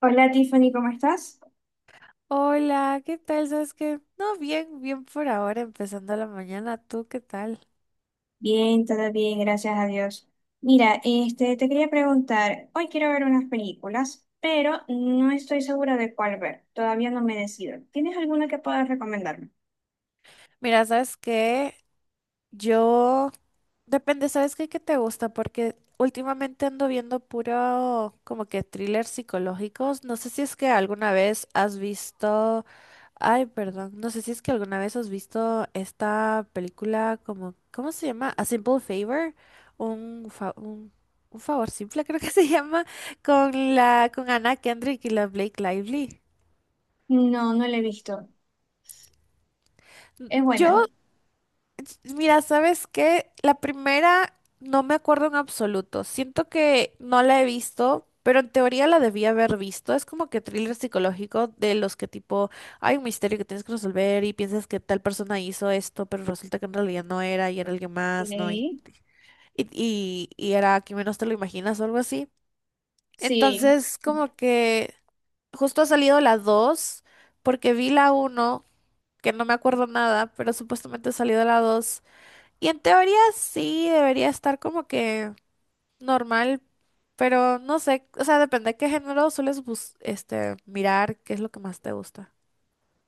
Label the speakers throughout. Speaker 1: Hola, Tiffany, ¿cómo estás?
Speaker 2: Hola, ¿qué tal? ¿Sabes qué? No, bien, bien por ahora, empezando la mañana. ¿Tú qué tal?
Speaker 1: Bien, todo bien, gracias a Dios. Mira, te quería preguntar, hoy quiero ver unas películas, pero no estoy segura de cuál ver, todavía no me decido. ¿Tienes alguna que puedas recomendarme?
Speaker 2: Mira, ¿sabes qué? Yo Depende, ¿sabes qué te gusta? Porque últimamente ando viendo puro como que thrillers psicológicos. No sé si es que alguna vez has visto... Ay, perdón. No sé si es que alguna vez has visto esta película como... ¿Cómo se llama? A Simple Favor. Un, fa- un, un favor simple creo que se llama. Con Anna Kendrick y la Blake Lively.
Speaker 1: No, no la he visto. ¿Es buena?
Speaker 2: Yo Mira, ¿sabes qué? La primera No me acuerdo en absoluto. Siento que no la he visto, pero en teoría la debía haber visto. Es como que thriller psicológico de los que tipo hay un misterio que tienes que resolver y piensas que tal persona hizo esto, pero resulta que en realidad no era y era alguien más, ¿no? Y,
Speaker 1: Ok.
Speaker 2: y, y era quien menos te lo imaginas o algo así.
Speaker 1: Sí.
Speaker 2: Entonces, como que justo ha salido la 2 porque vi la uno que no me acuerdo nada, pero supuestamente ha salido la 2. Y en teoría sí debería estar como que normal, pero no sé, o sea, depende de qué género sueles mirar, qué es lo que más te gusta.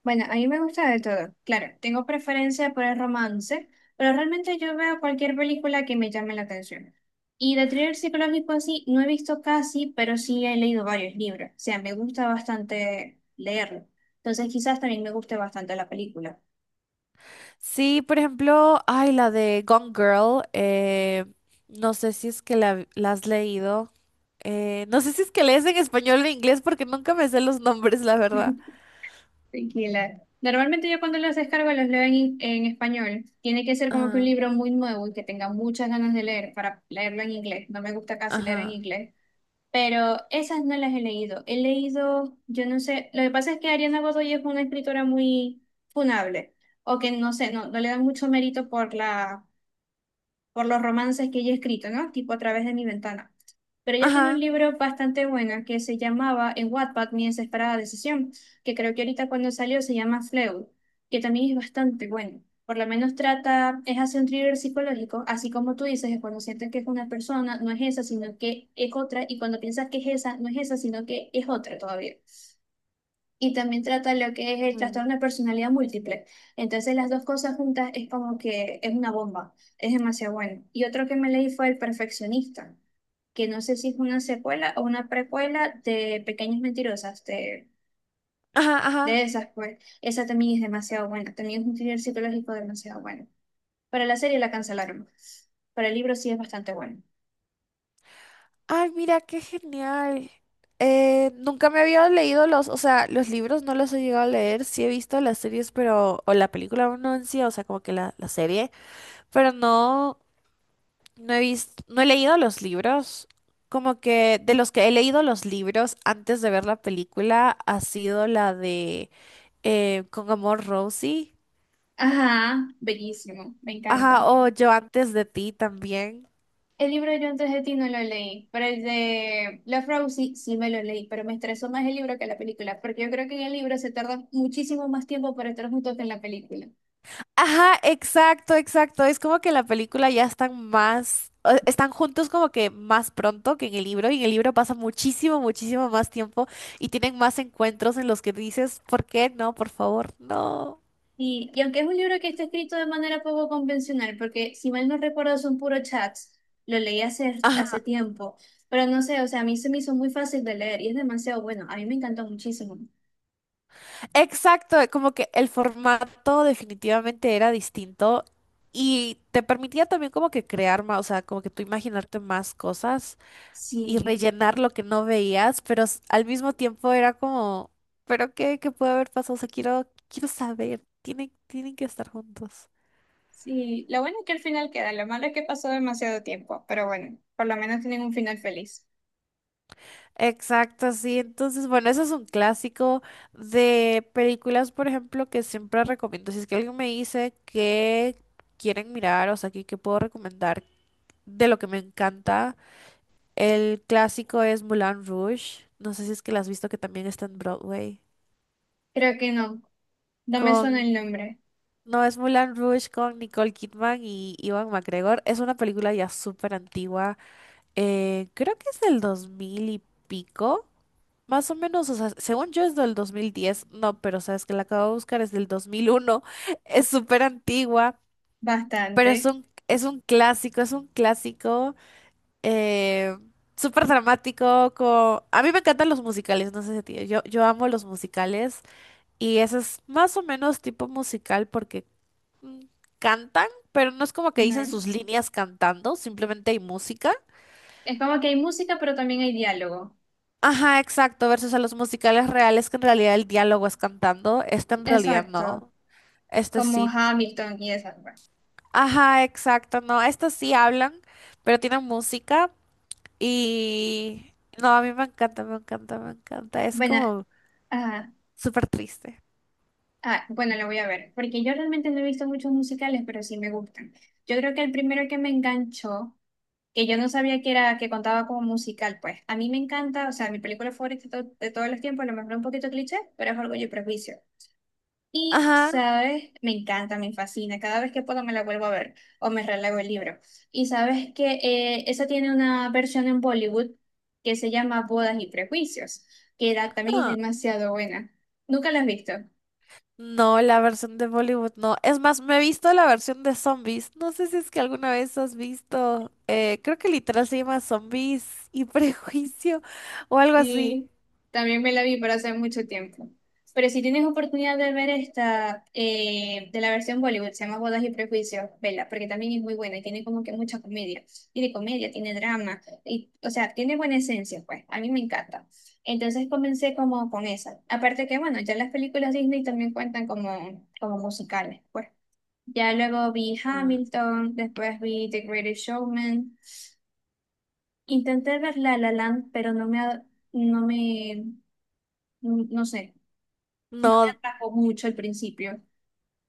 Speaker 1: Bueno, a mí me gusta de todo. Claro, tengo preferencia por el romance, pero realmente yo veo cualquier película que me llame la atención. Y de thriller psicológico así, no he visto casi, pero sí he leído varios libros. O sea, me gusta bastante leerlo. Entonces quizás también me guste bastante la película.
Speaker 2: Sí, por ejemplo, ay, la de Gone Girl, no sé si es que la has leído, no sé si es que lees en español o en inglés porque nunca me sé los nombres, la verdad.
Speaker 1: Tranquila. Normalmente yo cuando los descargo los leo en español. Tiene que ser como que un
Speaker 2: Ajá,
Speaker 1: libro muy nuevo y que tenga muchas ganas de leer para leerlo en inglés. No me gusta casi leer en
Speaker 2: ajá,
Speaker 1: inglés. Pero esas no las he leído. He leído, yo no sé, lo que pasa es que Ariana Godoy es una escritora muy funable, o que no sé, no le dan mucho mérito por la por los romances que ella ha escrito, ¿no? Tipo a través de mi ventana. Pero ella tiene un
Speaker 2: ajá.
Speaker 1: libro bastante bueno que se llamaba en Wattpad Mi desesperada decisión, que creo que ahorita cuando salió se llama Fleud, que también es bastante bueno. Por lo menos trata, es hacer un thriller psicológico, así como tú dices, que cuando sientes que es una persona, no es esa, sino que es otra, y cuando piensas que es esa, no es esa, sino que es otra todavía y también trata lo que es el
Speaker 2: Mm.
Speaker 1: trastorno de personalidad múltiple. Entonces las dos cosas juntas es como que es una bomba, es demasiado bueno. Y otro que me leí fue El Perfeccionista, que no sé si es una secuela o una precuela de Pequeñas Mentirosas, de,
Speaker 2: Ajá,
Speaker 1: de
Speaker 2: ajá.
Speaker 1: esas, pues esa también es demasiado buena, también es un thriller psicológico demasiado bueno. Para la serie la cancelaron, para el libro sí es bastante bueno.
Speaker 2: Ay, mira, qué genial. Nunca me había leído los, o sea, los libros no los he llegado a leer, sí he visto las series, pero, o la película no en sí, o sea, como que la serie, pero no, no he visto, no he leído los libros. Como que de los que he leído los libros antes de ver la película ha sido la de Con Amor Rosie.
Speaker 1: Ajá, bellísimo, me
Speaker 2: Ajá,
Speaker 1: encanta.
Speaker 2: o Yo antes de ti también.
Speaker 1: El libro de Yo antes de ti no lo leí, pero el de La Frau sí, sí me lo leí, pero me estresó más el libro que la película, porque yo creo que en el libro se tarda muchísimo más tiempo para estar juntos que en la película.
Speaker 2: Ajá, exacto, exacto. Es como que en la película ya están más, o- están juntos como que más pronto que en el libro, y en el libro pasa muchísimo, muchísimo más tiempo y tienen más encuentros en los que dices, ¿por qué no? Por favor, no.
Speaker 1: Y aunque es un libro que está escrito de manera poco convencional, porque si mal no recuerdo son puros chats, lo leí hace
Speaker 2: Ajá,
Speaker 1: tiempo, pero no sé, o sea, a mí se me hizo muy fácil de leer y es demasiado bueno, a mí me encantó muchísimo.
Speaker 2: exacto, como que el formato definitivamente era distinto y te permitía también como que crear más, o sea, como que tú imaginarte más cosas. Y
Speaker 1: Sí,
Speaker 2: rellenar lo que no veías, pero s- al mismo tiempo era como, ¿pero qué? ¿Qué puede haber pasado? O sea, quiero saber. Tienen que estar juntos.
Speaker 1: sí, lo bueno es que al final queda, lo malo es que pasó demasiado tiempo, pero bueno, por lo menos tienen un final feliz.
Speaker 2: Exacto, sí. Entonces, bueno, eso es un clásico de películas, por ejemplo, que siempre recomiendo. Si es que alguien me dice que quieren mirar, o sea, que puedo recomendar de lo que me encanta, el clásico es Moulin Rouge. No sé si es que la has visto, que también está en Broadway.
Speaker 1: Creo que no. No me suena
Speaker 2: Con
Speaker 1: el nombre.
Speaker 2: No, es Mulan Rouge con Nicole Kidman y Ivan McGregor. Es una película ya súper antigua. Creo que es del 2000 y pico. Más o menos, o sea, según yo es del 2010. No, pero sabes que la acabo de buscar, es del 2001. Es súper antigua, pero es
Speaker 1: Bastante.
Speaker 2: es un clásico eh, súper dramático. Co- A mí me encantan los musicales, no sé si a ti. Yo amo los musicales. Y ese es más o menos tipo musical porque mm, cantan, pero no es como que
Speaker 1: Ujú.
Speaker 2: dicen sus líneas cantando, simplemente hay música.
Speaker 1: Es como que hay música, pero también hay diálogo.
Speaker 2: Ajá, exacto, versus a los musicales reales que en realidad el diálogo es cantando, este en realidad
Speaker 1: Exacto.
Speaker 2: no, este
Speaker 1: Como
Speaker 2: sí.
Speaker 1: Hamilton y esas, pues.
Speaker 2: Ajá, exacto, no, estos sí hablan, pero tienen música y... No, a mí me encanta, me encanta, me encanta, es
Speaker 1: Bueno,
Speaker 2: como
Speaker 1: ajá.
Speaker 2: súper triste.
Speaker 1: Ah, bueno, la voy a ver. Porque yo realmente no he visto muchos musicales, pero sí me gustan. Yo creo que el primero que me enganchó, que yo no sabía que era, que contaba como musical, pues. A mí me encanta, o sea, mi película favorita de, de todos los tiempos, a lo mejor un poquito cliché, pero es Orgullo y Prejuicio. Y,
Speaker 2: Ajá.
Speaker 1: sabes, me encanta, me fascina. Cada vez que puedo me la vuelvo a ver o me relego el libro. Y sabes que esa tiene una versión en Bollywood que se llama Bodas y Prejuicios, también es demasiado buena. ¿Nunca la has visto?
Speaker 2: No, la versión de Bollywood no. Es más, me he visto la versión de zombies. No sé si es que alguna vez has visto. Creo que literal se llama Zombies y Prejuicio o algo así.
Speaker 1: Sí, también me la vi para hace mucho tiempo. Pero si tienes oportunidad de ver esta de la versión Bollywood, se llama Bodas y Prejuicios, vela, porque también es muy buena y tiene como que mucha comedia. Tiene comedia, tiene drama, y, o sea, tiene buena esencia, pues. A mí me encanta. Entonces comencé como con esa. Aparte que, bueno, ya las películas Disney también cuentan como musicales, pues. Ya luego vi
Speaker 2: Ah,
Speaker 1: Hamilton, después vi The Greatest Showman. Intenté ver La La Land, pero no me, no me no sé, no me
Speaker 2: no,
Speaker 1: atrapó mucho al principio.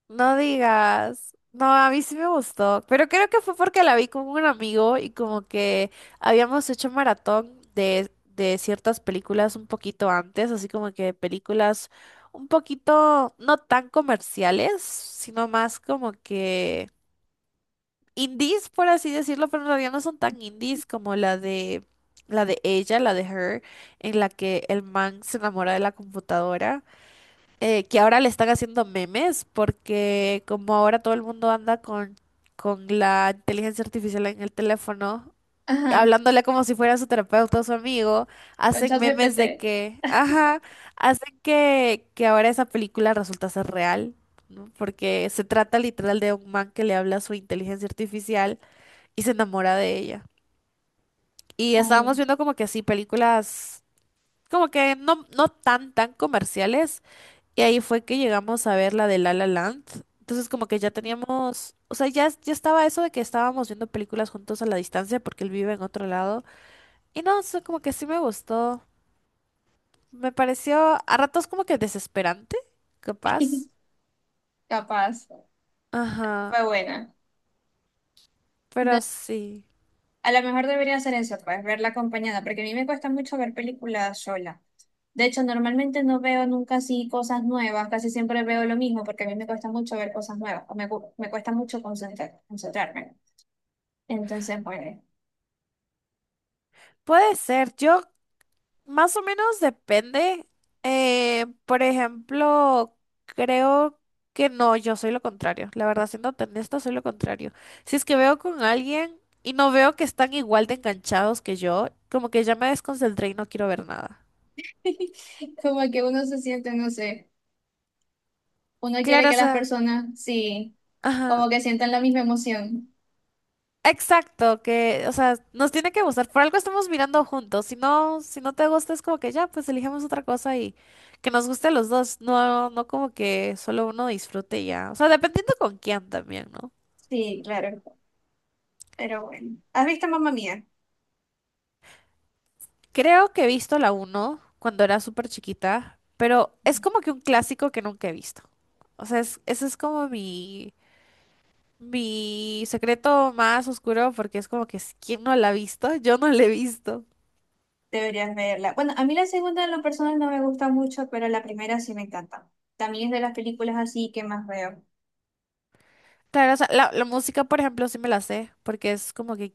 Speaker 2: no digas. No, a mí sí me gustó. Pero creo que fue porque la vi con un amigo y como que habíamos hecho maratón de ciertas películas un poquito antes, así como que películas un poquito no tan comerciales, sino más como que indies, por así decirlo, pero en realidad no son tan indies como la de ella, la de Her, en la que el man se enamora de la computadora, que ahora le están haciendo memes porque como ahora todo el mundo anda con la inteligencia artificial en el teléfono,
Speaker 1: Ajá,
Speaker 2: hablándole como si fuera su terapeuta o su amigo,
Speaker 1: con
Speaker 2: hacen memes
Speaker 1: ChatGPT.
Speaker 2: de que, ajá, hacen que ahora esa película resulta ser real. ¿No? Porque se trata literal de un man que le habla a su inteligencia artificial y se enamora de ella. Y estábamos
Speaker 1: Ay.
Speaker 2: viendo como que así películas, como que no, no tan comerciales. Y ahí fue que llegamos a ver la de La La Land. Entonces como que ya teníamos, o sea, ya estaba eso de que estábamos viendo películas juntos a la distancia porque él vive en otro lado. Y no, o sea, como que sí me gustó. Me pareció a ratos como que desesperante, capaz.
Speaker 1: Capaz,
Speaker 2: Ajá,
Speaker 1: fue buena. No,
Speaker 2: pero sí.
Speaker 1: a lo mejor debería hacer eso, pues, verla acompañada, porque a mí me cuesta mucho ver películas sola. De hecho, normalmente no veo nunca así cosas nuevas, casi siempre veo lo mismo, porque a mí me cuesta mucho ver cosas nuevas, o me, me cuesta mucho concentrarme. Entonces, bueno.
Speaker 2: Puede ser. Yo Más o menos depende. Por ejemplo, creo que no, yo soy lo contrario. La verdad, siendo honesta, soy lo contrario. Si es que veo con alguien y no veo que están igual de enganchados que yo, como que ya me desconcentré y no quiero ver nada.
Speaker 1: como que uno se siente, no sé, uno quiere
Speaker 2: Claro, o
Speaker 1: que las
Speaker 2: sea,
Speaker 1: personas, sí,
Speaker 2: ajá.
Speaker 1: como que sientan la misma emoción.
Speaker 2: Exacto, que, o sea, nos tiene que gustar. Por algo estamos mirando juntos. Si no, si no te gusta, es como que ya, pues elijamos otra cosa y que nos guste a los dos. No, no como que solo uno disfrute y ya. O sea, dependiendo con quién también, ¿no?
Speaker 1: Sí, claro. Pero bueno. ¿Has visto Mamma Mía?
Speaker 2: Creo que he visto la uno cuando era súper chiquita, pero es como que un clásico que nunca he visto. O sea, es- ese es como mi secreto más oscuro porque es como que si, ¿quién no la ha visto? Yo no la he visto.
Speaker 1: Deberías verla. Bueno, a mí la segunda en lo personal no me gusta mucho, pero la primera sí me encanta. También es de las películas así que más veo.
Speaker 2: Claro, o sea, la música, por ejemplo, sí me la sé, porque es como que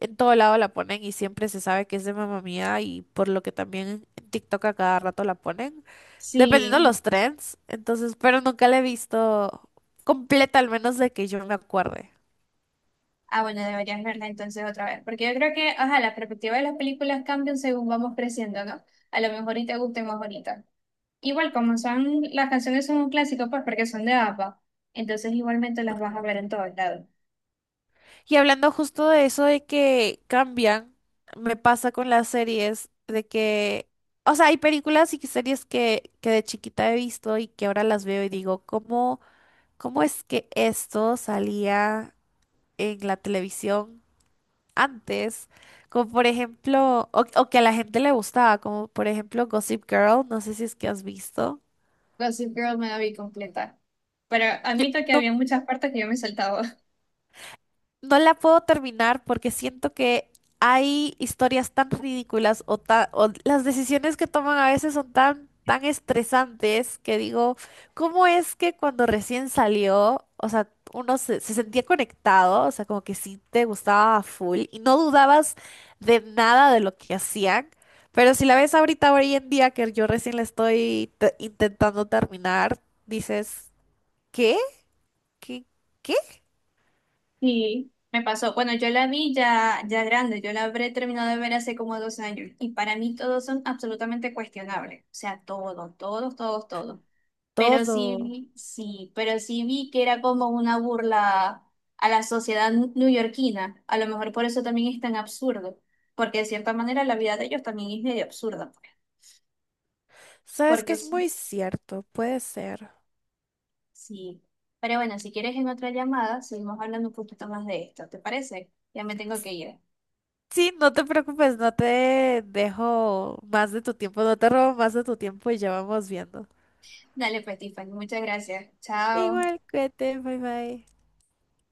Speaker 2: en todo lado la ponen y siempre se sabe que es de mamá Mía y por lo que también en TikTok a cada rato la ponen, dependiendo de
Speaker 1: Sí.
Speaker 2: los trends, entonces, pero nunca la he visto completa, al menos de que yo me acuerde.
Speaker 1: Ah, bueno, deberías verla entonces otra vez. Porque yo creo que, ajá, la perspectiva de las películas cambian según vamos creciendo, ¿no? A lo mejor y te guste más ahorita. Igual, como son, las canciones son un clásico, pues porque son de APA. Entonces igualmente las vas a ver en todos lados.
Speaker 2: Y hablando justo de eso de que cambian, me pasa con las series de que, o sea, hay películas y series que de chiquita he visto y que ahora las veo y digo, ¿cómo, cómo es que esto salía en la televisión antes, como por ejemplo, o que a la gente le gustaba, como por ejemplo Gossip Girl, no sé si es que has visto.
Speaker 1: Gossip Girl me la vi completa. Pero
Speaker 2: Yo-
Speaker 1: admito que
Speaker 2: no
Speaker 1: había muchas partes que yo me saltaba.
Speaker 2: No la puedo terminar porque siento que hay historias tan ridículas o, ta- o las decisiones que toman a veces son tan estresantes que digo, ¿cómo es que cuando recién salió, o sea, uno se sentía conectado, o sea, como que sí te gustaba a full y no dudabas de nada de lo que hacían? Pero si la ves ahorita, hoy en día, que yo recién la estoy te- intentando terminar, dices, ¿qué? ¿Qué? ¿Qué?
Speaker 1: Sí, me pasó. Bueno, yo la vi ya, ya grande, yo la habré terminado de ver hace como 2 años y para mí todos son absolutamente cuestionables, o sea, todos, todos, todos, todos. Pero sí,
Speaker 2: Todo.
Speaker 1: pero sí vi que era como una burla a la sociedad neoyorquina, a lo mejor por eso también es tan absurdo, porque de cierta manera la vida de ellos también es medio absurda, pues,
Speaker 2: Sabes que
Speaker 1: porque
Speaker 2: es
Speaker 1: sí,
Speaker 2: muy cierto, puede ser.
Speaker 1: sí. Pero bueno, si quieres en otra llamada, seguimos hablando un poquito más de esto, ¿te parece? Ya me tengo que ir.
Speaker 2: Sí, no te preocupes, no te dejo más de tu tiempo, no te robo más de tu tiempo y ya vamos viendo.
Speaker 1: Dale, pues, Tiffany, muchas gracias. Chao.
Speaker 2: Igual, cuídate, bye bye.